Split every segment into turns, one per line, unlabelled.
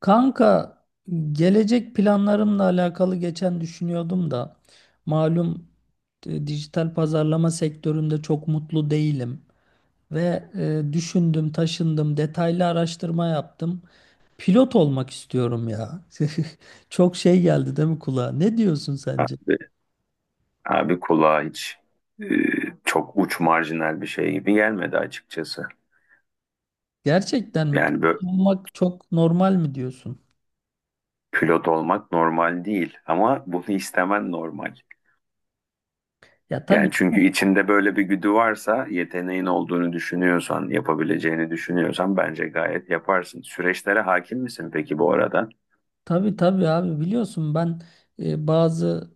Kanka gelecek planlarımla alakalı geçen düşünüyordum da malum, dijital pazarlama sektöründe çok mutlu değilim ve düşündüm, taşındım, detaylı araştırma yaptım. Pilot olmak istiyorum ya. Çok şey geldi değil mi kulağa? Ne diyorsun sence?
Abi, abi, kulağa hiç e, çok uç marjinal bir şey gibi gelmedi açıkçası.
Gerçekten mi?
Yani böyle
Pilot olmak çok normal mi diyorsun?
pilot olmak normal değil ama bunu istemen normal.
Ya tabii.
Yani çünkü içinde böyle bir güdü varsa, yeteneğin olduğunu düşünüyorsan, yapabileceğini düşünüyorsan bence gayet yaparsın. Süreçlere hakim misin peki bu arada?
Tabii abi biliyorsun ben, bazı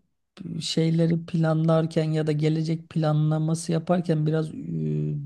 şeyleri planlarken ya da gelecek planlaması yaparken biraz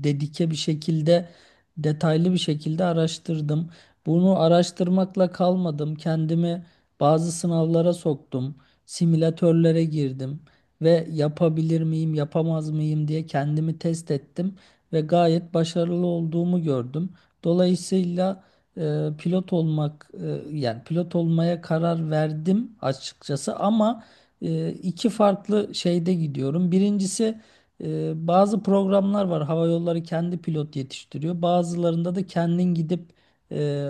dedike bir şekilde, detaylı bir şekilde araştırdım. Bunu araştırmakla kalmadım. Kendimi bazı sınavlara soktum. Simülatörlere girdim ve yapabilir miyim, yapamaz mıyım diye kendimi test ettim ve gayet başarılı olduğumu gördüm. Dolayısıyla yani pilot olmaya karar verdim açıkçası ama iki farklı şeyde gidiyorum. Birincisi, bazı programlar var. Hava yolları kendi pilot yetiştiriyor. Bazılarında da kendin gidip e,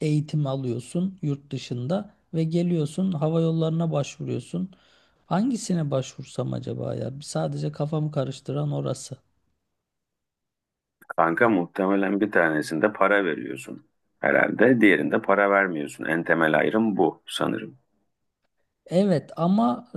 eğitim alıyorsun yurt dışında ve geliyorsun hava yollarına başvuruyorsun. Hangisine başvursam acaba ya? Sadece kafamı karıştıran orası.
Kanka muhtemelen bir tanesinde para veriyorsun herhalde, diğerinde para vermiyorsun. En temel ayrım bu sanırım.
Evet ama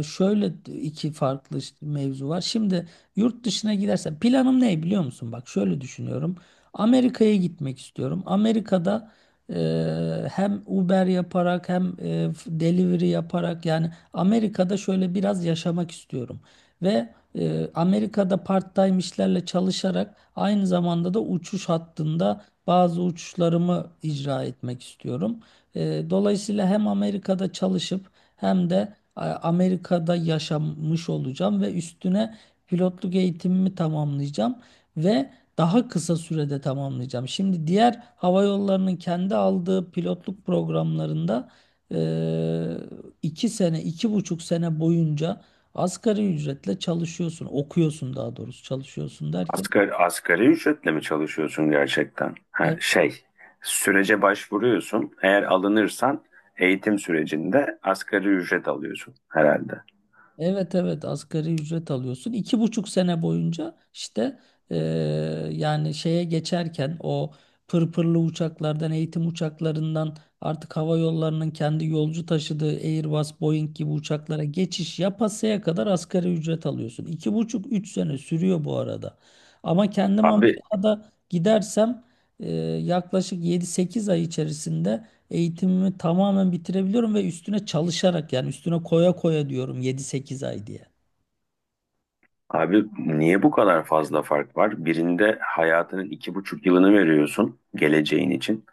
şöyle iki farklı mevzu var. Şimdi yurt dışına gidersen planım ne biliyor musun? Bak şöyle düşünüyorum. Amerika'ya gitmek istiyorum. Amerika'da hem Uber yaparak hem delivery yaparak, yani Amerika'da şöyle biraz yaşamak istiyorum. Ve Amerika'da part-time işlerle çalışarak aynı zamanda da uçuş hattında bazı uçuşlarımı icra etmek istiyorum. Dolayısıyla hem Amerika'da çalışıp hem de Amerika'da yaşamış olacağım ve üstüne pilotluk eğitimimi tamamlayacağım ve daha kısa sürede tamamlayacağım. Şimdi diğer hava yollarının kendi aldığı pilotluk programlarında e, iki sene, iki buçuk sene boyunca asgari ücretle çalışıyorsun, okuyorsun, daha doğrusu çalışıyorsun derken
Asgari ücretle mi çalışıyorsun gerçekten? Ha,
e,
şey, sürece başvuruyorsun. Eğer alınırsan eğitim sürecinde asgari ücret alıyorsun herhalde.
evet evet, asgari ücret alıyorsun. İki buçuk sene boyunca işte, eee, yani şeye geçerken o pırpırlı uçaklardan, eğitim uçaklarından artık hava yollarının kendi yolcu taşıdığı Airbus, Boeing gibi uçaklara geçiş yapasaya kadar asgari ücret alıyorsun. İki buçuk, üç sene sürüyor bu arada. Ama kendim
Abi,
Amerika'da gidersem eee, yaklaşık yedi sekiz ay içerisinde eğitimimi tamamen bitirebiliyorum ve üstüne çalışarak, yani üstüne koya koya diyorum yedi sekiz ay diye.
abi, niye bu kadar fazla fark var? Birinde hayatının iki buçuk yılını veriyorsun geleceğin için.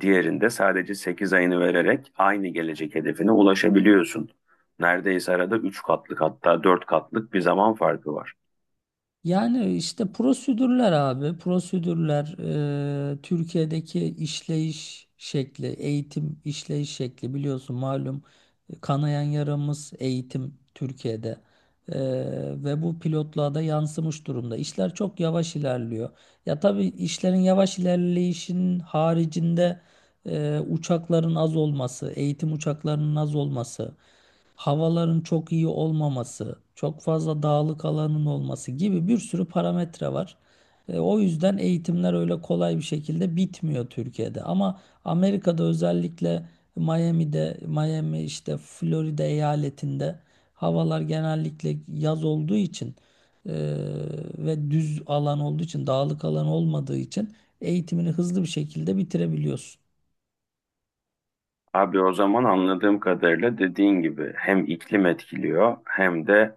Diğerinde sadece sekiz ayını vererek aynı gelecek hedefine ulaşabiliyorsun. Neredeyse arada üç katlık hatta dört katlık bir zaman farkı var.
Yani işte prosedürler abi, prosedürler, Türkiye'deki işleyiş şekli, eğitim işleyiş şekli, biliyorsun malum kanayan yaramız eğitim Türkiye'de. E, Ve bu pilotluğa da yansımış durumda. İşler çok yavaş ilerliyor. Ya tabii işlerin yavaş ilerleyişinin haricinde uçakların az olması, eğitim uçaklarının az olması, havaların çok iyi olmaması, çok fazla dağlık alanın olması gibi bir sürü parametre var. O yüzden eğitimler öyle kolay bir şekilde bitmiyor Türkiye'de. Ama Amerika'da, özellikle Miami'de, Miami işte Florida eyaletinde havalar genellikle yaz olduğu için e, ve düz alan olduğu için, dağlık alan olmadığı için eğitimini hızlı bir şekilde bitirebiliyorsun.
Abi o zaman anladığım kadarıyla dediğin gibi hem iklim etkiliyor hem de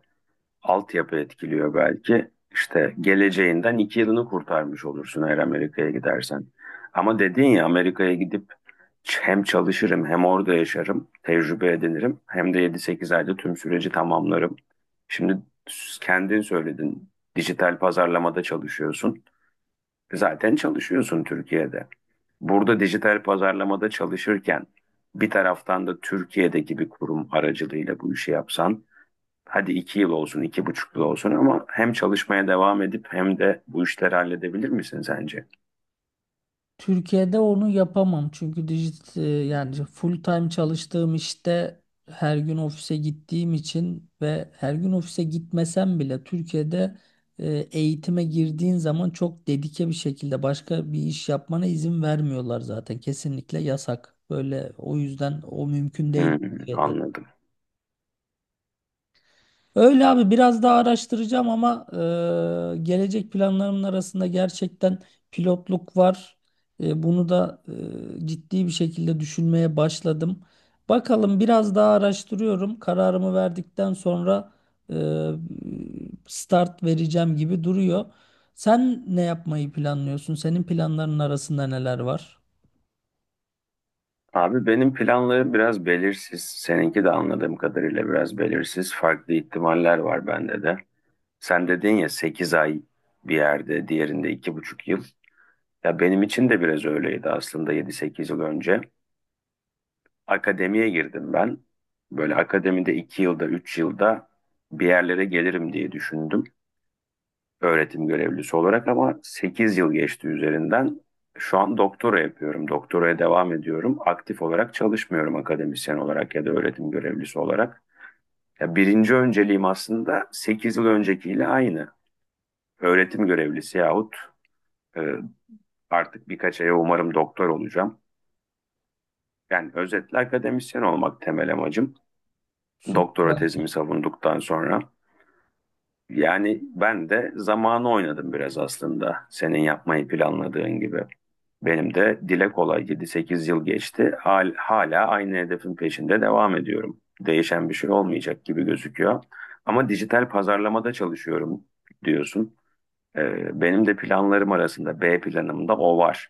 altyapı etkiliyor belki. İşte geleceğinden iki yılını kurtarmış olursun eğer Amerika'ya gidersen. Ama dediğin ya Amerika'ya gidip hem çalışırım hem orada yaşarım, tecrübe edinirim hem de yedi sekiz ayda tüm süreci tamamlarım. Şimdi kendin söyledin dijital pazarlamada çalışıyorsun. Zaten çalışıyorsun Türkiye'de. Burada dijital pazarlamada çalışırken bir taraftan da Türkiye'deki bir kurum aracılığıyla bu işi yapsan, hadi iki yıl olsun, iki buçuk yıl olsun ama hem çalışmaya devam edip hem de bu işleri halledebilir misin sence?
Türkiye'de onu yapamam çünkü yani full time çalıştığım işte her gün ofise gittiğim için ve her gün ofise gitmesem bile Türkiye'de, e, eğitime girdiğin zaman çok dedike bir şekilde başka bir iş yapmana izin vermiyorlar, zaten kesinlikle yasak. Böyle, o yüzden o mümkün değil
Hmm,
Türkiye'de.
anladım.
Öyle abi, biraz daha araştıracağım ama gelecek planlarımın arasında gerçekten pilotluk var. Bunu da ciddi bir şekilde düşünmeye başladım. Bakalım, biraz daha araştırıyorum. Kararımı verdikten sonra e, start vereceğim gibi duruyor. Sen ne yapmayı planlıyorsun? Senin planların arasında neler var?
Abi benim planlarım biraz belirsiz. Seninki de anladığım kadarıyla biraz belirsiz. Farklı ihtimaller var bende de. Sen dedin ya 8 ay bir yerde, diğerinde iki buçuk yıl. Ya benim için de biraz öyleydi aslında yedi sekiz yıl önce. Akademiye girdim ben. Böyle akademide iki yılda, üç yılda bir yerlere gelirim diye düşündüm. Öğretim görevlisi olarak ama 8 yıl geçti üzerinden. Şu an doktora yapıyorum. Doktoraya devam ediyorum. Aktif olarak çalışmıyorum akademisyen olarak ya da öğretim görevlisi olarak. Ya birinci önceliğim aslında 8 yıl öncekiyle aynı. Öğretim görevlisi yahut e, artık birkaç aya umarım doktor olacağım. Yani özetle akademisyen olmak temel amacım. Doktora
Süper.
tezimi savunduktan sonra. Yani ben de zamanı oynadım biraz aslında. Senin yapmayı planladığın gibi. Benim de dile kolay 7-8 yıl geçti. Hala aynı hedefin peşinde devam ediyorum. Değişen bir şey olmayacak gibi gözüküyor. Ama dijital pazarlamada çalışıyorum diyorsun. Benim de planlarım arasında B planımda o var.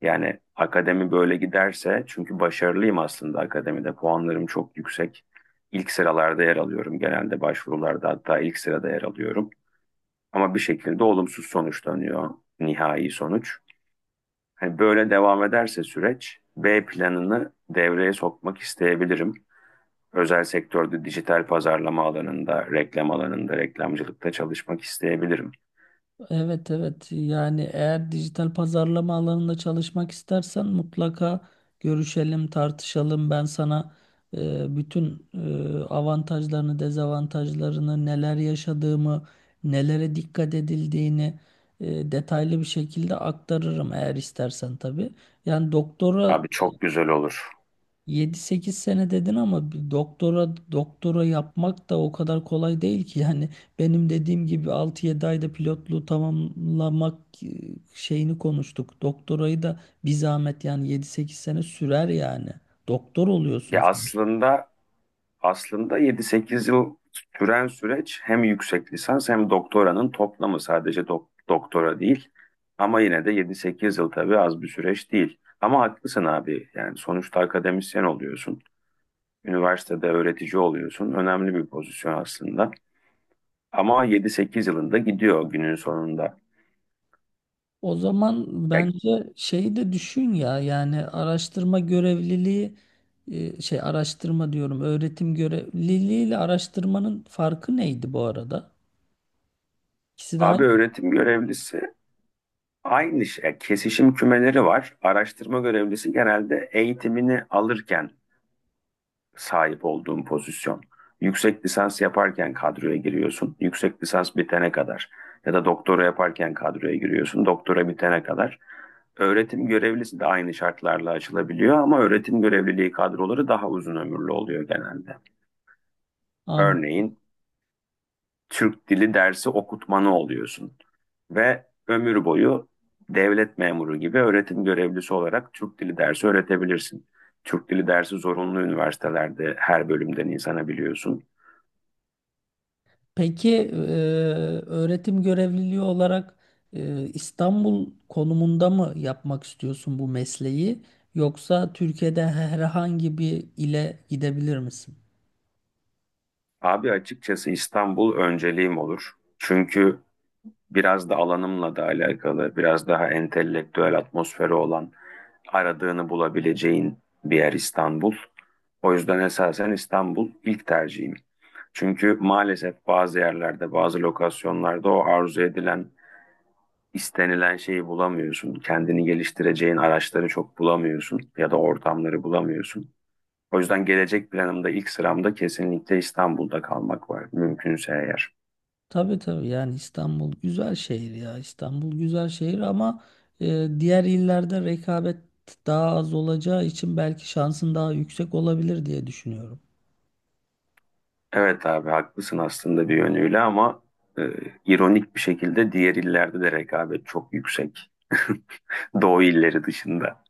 Yani akademi böyle giderse çünkü başarılıyım aslında akademide puanlarım çok yüksek. İlk sıralarda yer alıyorum genelde başvurularda hatta ilk sırada yer alıyorum. Ama bir şekilde olumsuz sonuçlanıyor nihai sonuç. Hani böyle devam ederse süreç B planını devreye sokmak isteyebilirim. Özel sektörde dijital pazarlama alanında, reklam alanında, reklamcılıkta çalışmak isteyebilirim.
Evet evet, yani eğer dijital pazarlama alanında çalışmak istersen mutlaka görüşelim, tartışalım, ben sana bütün avantajlarını, dezavantajlarını, neler yaşadığımı, nelere dikkat edildiğini detaylı bir şekilde aktarırım, eğer istersen tabii. Yani doktora,
Abi çok güzel olur.
yedi sekiz sene dedin ama bir doktora yapmak da o kadar kolay değil ki. Yani benim dediğim gibi altı yedi ayda pilotluğu tamamlamak e, şeyini konuştuk. Doktorayı da bir zahmet, yani yedi sekiz sene sürer yani. Doktor
Ya
oluyorsunuz.
aslında yedi sekiz yıl süren süreç hem yüksek lisans hem doktoranın toplamı sadece doktora değil. Ama yine de yedi sekiz yıl tabii az bir süreç değil. Ama haklısın abi. Yani sonuçta akademisyen oluyorsun. Üniversitede öğretici oluyorsun. Önemli bir pozisyon aslında. Ama yedi sekiz yılında gidiyor günün sonunda.
O zaman
Ya
bence şeyi de düşün ya, yani araştırma görevliliği, şey, araştırma diyorum, öğretim görevliliği ile araştırmanın farkı neydi bu arada? İkisi de
abi
aynı.
öğretim görevlisi aynı şey. Kesişim kümeleri var. Araştırma görevlisi genelde eğitimini alırken sahip olduğun pozisyon. Yüksek lisans yaparken kadroya giriyorsun. Yüksek lisans bitene kadar ya da doktora yaparken kadroya giriyorsun. Doktora bitene kadar. Öğretim görevlisi de aynı şartlarla açılabiliyor ama öğretim görevliliği kadroları daha uzun ömürlü oluyor genelde.
An.
Örneğin Türk dili dersi okutmanı oluyorsun ve ömür boyu devlet memuru gibi öğretim görevlisi olarak Türk dili dersi öğretebilirsin. Türk dili dersi zorunlu üniversitelerde her bölümden insana biliyorsun.
Peki öğretim görevliliği olarak İstanbul konumunda mı yapmak istiyorsun bu mesleği, yoksa Türkiye'de herhangi bir ile gidebilir misin?
Abi açıkçası İstanbul önceliğim olur. Çünkü biraz da alanımla da alakalı, biraz daha entelektüel atmosferi olan, aradığını bulabileceğin bir yer İstanbul. O yüzden esasen İstanbul ilk tercihim. Çünkü maalesef bazı yerlerde, bazı lokasyonlarda o arzu edilen, istenilen şeyi bulamıyorsun. Kendini geliştireceğin araçları çok bulamıyorsun ya da ortamları bulamıyorsun. O yüzden gelecek planımda ilk sıramda kesinlikle İstanbul'da kalmak var mümkünse eğer.
Tabii tabii, yani İstanbul güzel şehir ya, İstanbul güzel şehir ama diğer illerde rekabet daha az olacağı için belki şansın daha yüksek olabilir diye düşünüyorum.
Evet abi haklısın aslında bir yönüyle ama e, ironik bir şekilde diğer illerde de rekabet çok yüksek. Doğu illeri dışında.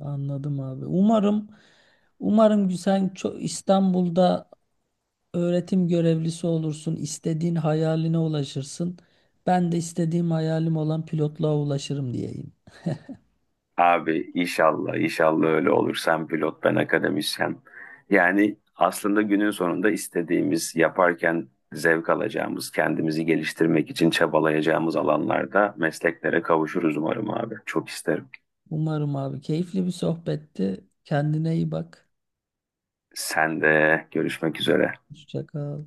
Anladım abi. Umarım, umarım sen çok İstanbul'da öğretim görevlisi olursun, istediğin hayaline ulaşırsın. Ben de istediğim hayalim olan pilotluğa ulaşırım diyeyim.
Abi inşallah inşallah öyle olur. Sen pilot ben akademisyen. Yani aslında günün sonunda istediğimiz yaparken zevk alacağımız, kendimizi geliştirmek için çabalayacağımız alanlarda mesleklere kavuşuruz umarım abi. Çok isterim.
Umarım abi, keyifli bir sohbetti. Kendine iyi bak.
Sen de görüşmek üzere.
Hoşça kal.